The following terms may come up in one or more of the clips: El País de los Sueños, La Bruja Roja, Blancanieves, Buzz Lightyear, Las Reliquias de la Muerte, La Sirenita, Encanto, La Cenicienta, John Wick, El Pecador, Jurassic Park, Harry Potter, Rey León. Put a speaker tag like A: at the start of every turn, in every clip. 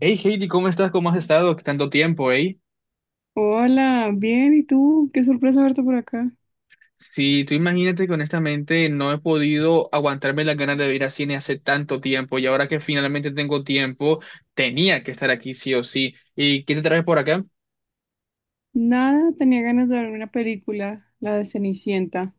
A: Hey Heidi, ¿cómo estás? ¿Cómo has estado? Tanto tiempo, ¿eh?
B: Hola, bien, ¿y tú? Qué sorpresa verte por acá.
A: Sí, tú imagínate que honestamente no he podido aguantarme las ganas de ir a cine hace tanto tiempo y ahora que finalmente tengo tiempo, tenía que estar aquí sí o sí. ¿Y qué te traes por acá?
B: Nada, tenía ganas de ver una película, la de Cenicienta.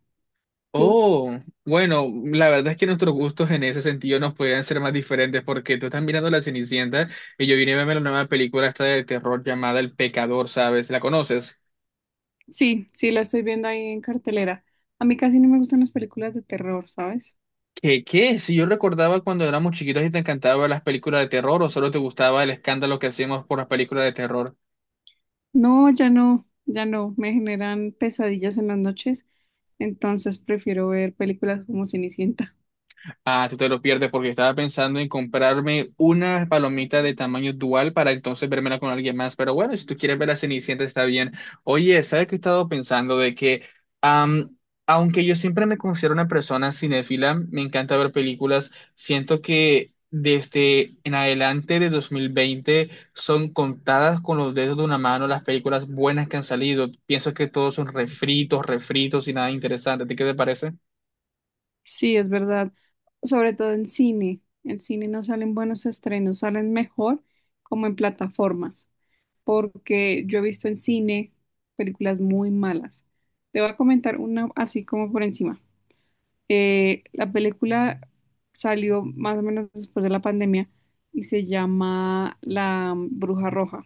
B: ¿Tú?
A: Oh, bueno, la verdad es que nuestros gustos en ese sentido nos podrían ser más diferentes porque tú estás mirando La Cenicienta y yo vine a verme la nueva película esta de terror llamada El Pecador, ¿sabes? ¿La conoces?
B: Sí, sí, la estoy viendo ahí en cartelera. A mí casi no me gustan las películas de terror, ¿sabes?
A: ¿Qué, qué? Si yo recordaba cuando éramos chiquitos y te encantaban las películas de terror o solo te gustaba el escándalo que hacíamos por las películas de terror.
B: No, ya no, ya no, me generan pesadillas en las noches, entonces prefiero ver películas como Cenicienta.
A: Ah, tú te lo pierdes porque estaba pensando en comprarme una palomita de tamaño dual para entonces vérmela con alguien más. Pero bueno, si tú quieres ver a Cenicienta está bien. Oye, ¿sabes qué he estado pensando? Am, Aunque yo siempre me considero una persona cinéfila, me encanta ver películas, siento que desde en adelante de 2020 son contadas con los dedos de una mano las películas buenas que han salido. Pienso que todos son refritos, refritos y nada interesante. ¿A ti qué te parece?
B: Sí, es verdad, sobre todo en cine. En cine no salen buenos estrenos, salen mejor como en plataformas. Porque yo he visto en cine películas muy malas. Te voy a comentar una así como por encima. La película salió más o menos después de la pandemia y se llama La Bruja Roja,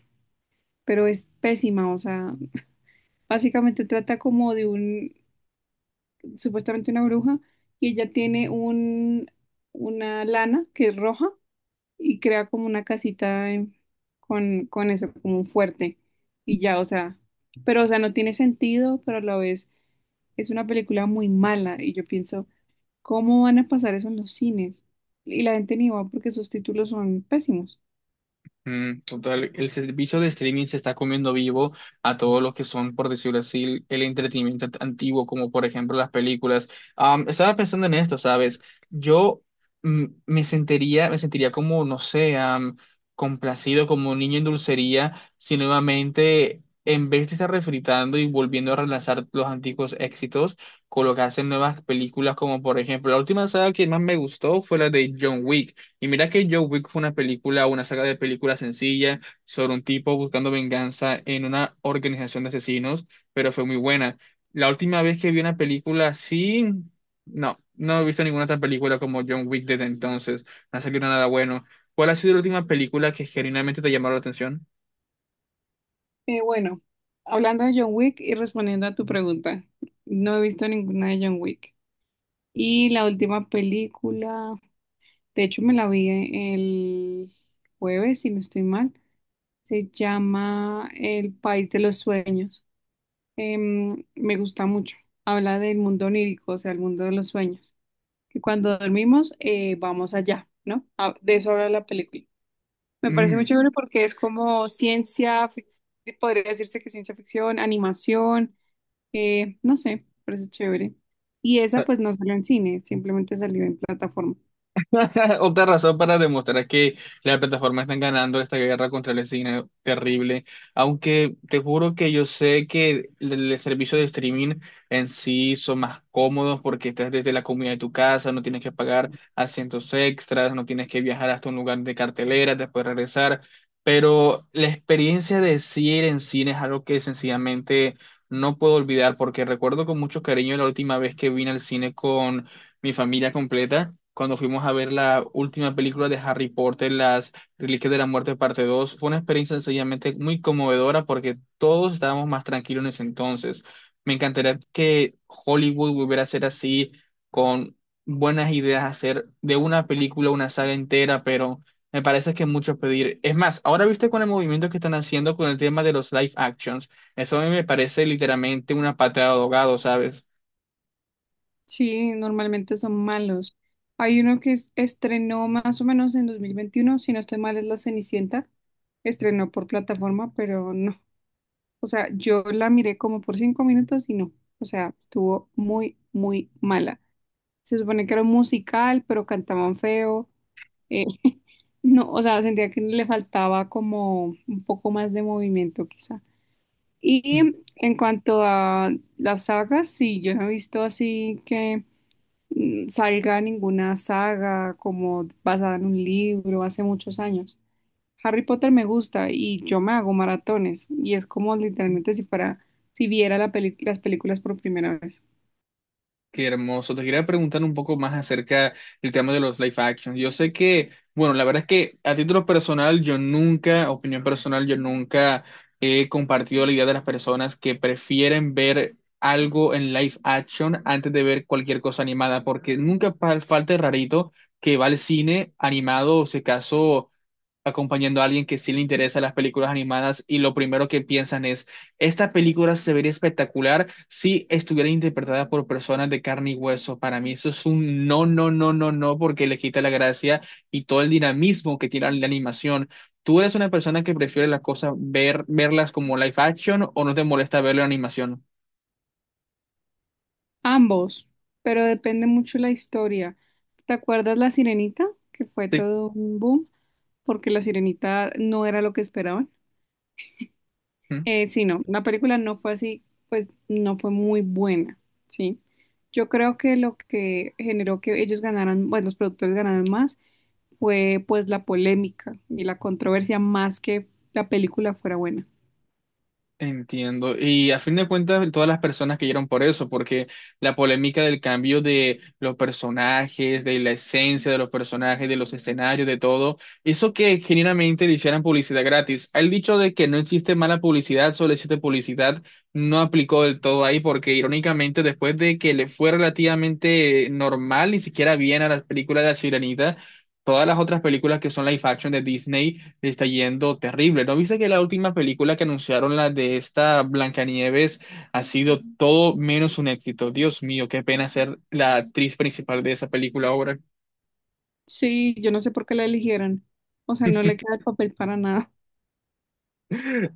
B: pero es pésima. O sea, básicamente trata como de un, supuestamente una bruja y ella tiene un, una lana que es roja y crea como una casita con eso, como un fuerte. Y ya, o sea, pero o sea, no tiene sentido, pero a la vez es una película muy mala y yo pienso, ¿cómo van a pasar eso en los cines? Y la gente ni va porque sus títulos son pésimos.
A: Mm, total, el servicio de streaming se está comiendo vivo a todos los que son, por decirlo así, el entretenimiento antiguo, como por ejemplo las películas. Estaba pensando en esto, ¿sabes? Yo me sentiría como, no sé, complacido, como un niño en dulcería, si nuevamente, en vez de estar refritando y volviendo a relanzar los antiguos éxitos, colocarse en nuevas películas, como por ejemplo, la última saga que más me gustó fue la de John Wick. Y mira que Joe Wick fue una película, una saga de películas sencilla sobre un tipo buscando venganza en una organización de asesinos, pero fue muy buena. La última vez que vi una película así, no, no he visto ninguna otra película como John Wick desde entonces. No ha salido nada bueno. ¿Cuál ha sido la última película que genuinamente te llamó la atención?
B: Bueno, hablando de John Wick y respondiendo a tu pregunta, no he visto ninguna de John Wick. Y la última película, de hecho me la vi el jueves, si no estoy mal. Se llama El País de los Sueños. Me gusta mucho. Habla del mundo onírico, o sea, el mundo de los sueños. Que cuando dormimos, vamos allá, ¿no? Ah, de eso habla la película. Me parece muy
A: Mm.
B: chévere porque es como podría decirse que ciencia ficción, animación, no sé, parece chévere. Y esa pues no salió en cine, simplemente salió en plataforma.
A: Otra razón para demostrar que las plataformas están ganando esta guerra contra el cine terrible. Aunque te juro que yo sé que el servicio de streaming en sí son más cómodos porque estás desde la comunidad de tu casa, no tienes que pagar asientos extras, no tienes que viajar hasta un lugar de cartelera, después regresar. Pero la experiencia de sí ir en cine es algo que sencillamente no puedo olvidar porque recuerdo con mucho cariño la última vez que vine al cine con mi familia completa, cuando fuimos a ver la última película de Harry Potter, Las Reliquias de la Muerte, parte 2 fue una experiencia sencillamente muy conmovedora porque todos estábamos más tranquilos en ese entonces. Me encantaría que Hollywood volviera a ser así, con buenas ideas, hacer de una película una saga entera, pero me parece que es mucho pedir. Es más, ahora viste con el movimiento que están haciendo con el tema de los live actions, eso a mí me parece literalmente una patada de ahogado, ¿sabes?
B: Sí, normalmente son malos. Hay uno estrenó más o menos en 2021, si no estoy mal, es La Cenicienta. Estrenó por plataforma, pero no. O sea, yo la miré como por 5 minutos y no. O sea, estuvo muy, muy mala. Se supone que era un musical, pero cantaban feo. Eh, no, o sea, sentía que le faltaba como un poco más de movimiento, quizá. Y en cuanto a las sagas, sí, yo no he visto así que salga ninguna saga como basada en un libro hace muchos años. Harry Potter me gusta y yo me hago maratones y es como literalmente si fuera, si viera las películas por primera vez.
A: Qué hermoso. Te quería preguntar un poco más acerca del tema de los live actions. Yo sé que, bueno, la verdad es que a título personal, yo nunca, opinión personal, yo nunca he compartido la idea de las personas que prefieren ver algo en live action antes de ver cualquier cosa animada, porque nunca falta el rarito que va al cine animado, o si acaso acompañando a alguien que sí le interesa las películas animadas y lo primero que piensan es, esta película se vería espectacular si estuviera interpretada por personas de carne y hueso. Para mí eso es un no, no, no, no, no, porque le quita la gracia y todo el dinamismo que tiene la animación. ¿Tú eres una persona que prefiere las cosas, ver, verlas como live action o no te molesta verlo en animación?
B: Ambos, pero depende mucho la historia. ¿Te acuerdas La Sirenita? Que fue
A: Sí.
B: todo un boom porque La Sirenita no era lo que esperaban.
A: ¿Mm?
B: Sí, no, la película no fue así, pues no fue muy buena, ¿sí? Yo creo que lo que generó que ellos ganaran, bueno, los productores ganaron más, fue pues la polémica y la controversia más que la película fuera buena.
A: Entiendo. Y a fin de cuentas, todas las personas que cayeron por eso, porque la polémica del cambio de los personajes, de la esencia de los personajes, de los escenarios, de todo, eso que genuinamente le hicieran publicidad gratis. El dicho de que no existe mala publicidad, solo existe publicidad, no aplicó del todo ahí, porque irónicamente, después de que le fue relativamente normal, ni siquiera bien a las películas de La Sirenita, todas las otras películas que son live action de Disney le está yendo terrible. ¿No viste que la última película que anunciaron, la de esta Blancanieves, ha sido todo menos un éxito? Dios mío, qué pena ser la actriz principal de esa película ahora.
B: Sí, yo no sé por qué la eligieron, o sea, no le queda el papel para nada.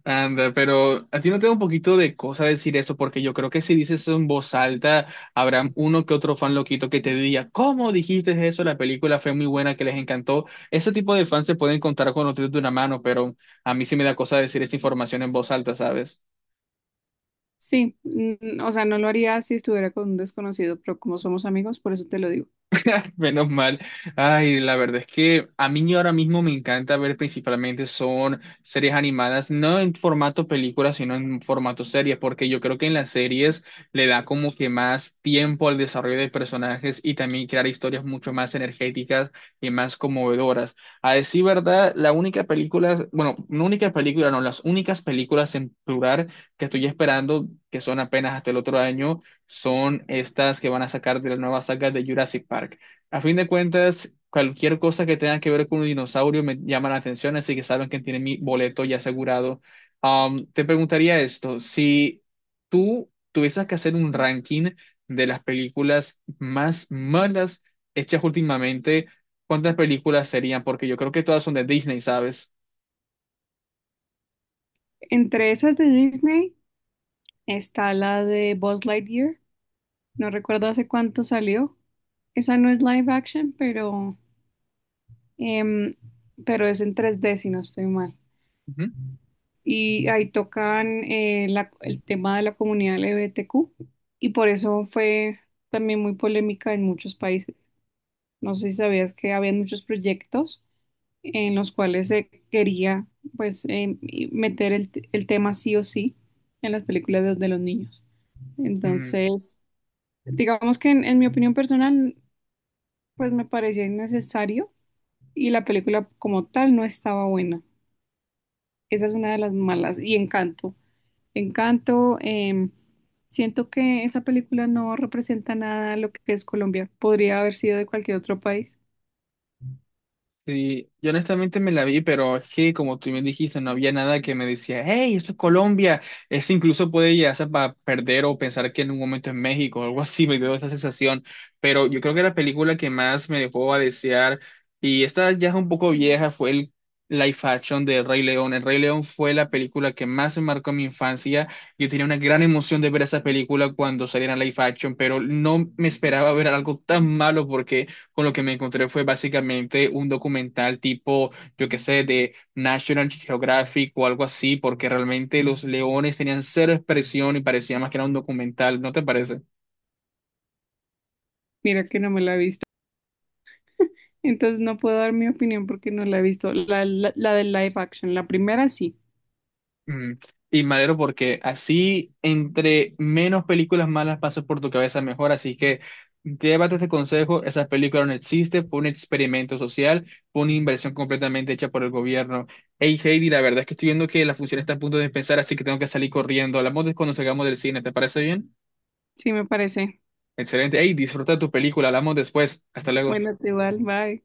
A: Anda, pero a ti no te da un poquito de cosa decir eso, porque yo creo que si dices eso en voz alta, habrá uno que otro fan loquito que te diga, ¿cómo dijiste eso? La película fue muy buena, que les encantó. Ese tipo de fans se pueden contar con los dedos de una mano, pero a mí sí me da cosa decir esa información en voz alta, ¿sabes?
B: Sí, mm, o sea, no lo haría si estuviera con un desconocido, pero como somos amigos, por eso te lo digo.
A: Menos mal. Ay, la verdad es que a mí ahora mismo me encanta ver principalmente son series animadas, no en formato película, sino en formato serie, porque yo creo que en las series le da como que más tiempo al desarrollo de personajes y también crear historias mucho más energéticas y más conmovedoras. A decir verdad, la única película, bueno, no única película, no, las únicas películas en plural que estoy esperando, que son apenas hasta el otro año son estas que van a sacar de la nueva saga de Jurassic Park. A fin de cuentas, cualquier cosa que tenga que ver con un dinosaurio me llama la atención, así que saben que tienen mi boleto ya asegurado. Te preguntaría esto, si tú tuvieses que hacer un ranking de las películas más malas hechas últimamente, ¿cuántas películas serían? Porque yo creo que todas son de Disney, ¿sabes?
B: Entre esas de Disney está la de Buzz Lightyear, no recuerdo hace cuánto salió. Esa no es live action, pero, em, pero es en 3D si no estoy mal.
A: Ujú.
B: Y ahí tocan el tema de la comunidad LGBTQ y por eso fue también muy polémica en muchos países. No sé si sabías que había muchos proyectos en los cuales se quería pues y meter el tema sí o sí en las películas de los niños.
A: Mm.
B: Entonces, digamos que en mi opinión personal, pues me parecía innecesario y la película como tal no estaba buena. Esa es una de las malas. Y Encanto. Encanto, siento que esa película no representa nada lo que es Colombia. Podría haber sido de cualquier otro país.
A: Sí, yo honestamente me la vi, pero es que como tú me dijiste, no había nada que me decía, hey, esto es Colombia. Eso incluso puede llegarse para perder o pensar que en un momento es México o algo así, me dio esa sensación. Pero yo creo que la película que más me dejó a desear, y esta ya es un poco vieja, fue el live action de Rey León. El Rey León fue la película que más me marcó en mi infancia. Yo tenía una gran emoción de ver esa película cuando saliera en live action, pero no me esperaba ver algo tan malo porque con lo que me encontré fue básicamente un documental tipo, yo qué sé, de National Geographic o algo así, porque realmente los leones tenían cero expresión y parecía más que era un documental, ¿no te parece?
B: Mira que no me la he visto. Entonces no puedo dar mi opinión porque no la he visto. La del live action, la primera sí.
A: Mm. Y Madero, porque así entre menos películas malas pasan por tu cabeza, mejor. Así que llévate este consejo, esa película no existe, fue un experimento social, fue una inversión completamente hecha por el gobierno. Hey Heidi, la verdad es que estoy viendo que la función está a punto de empezar, así que tengo que salir corriendo. Hablamos de cuando salgamos del cine, ¿te parece bien?
B: Sí me parece.
A: Excelente. Hey, disfruta tu película, hablamos después. Hasta luego.
B: Bueno, te va, bye.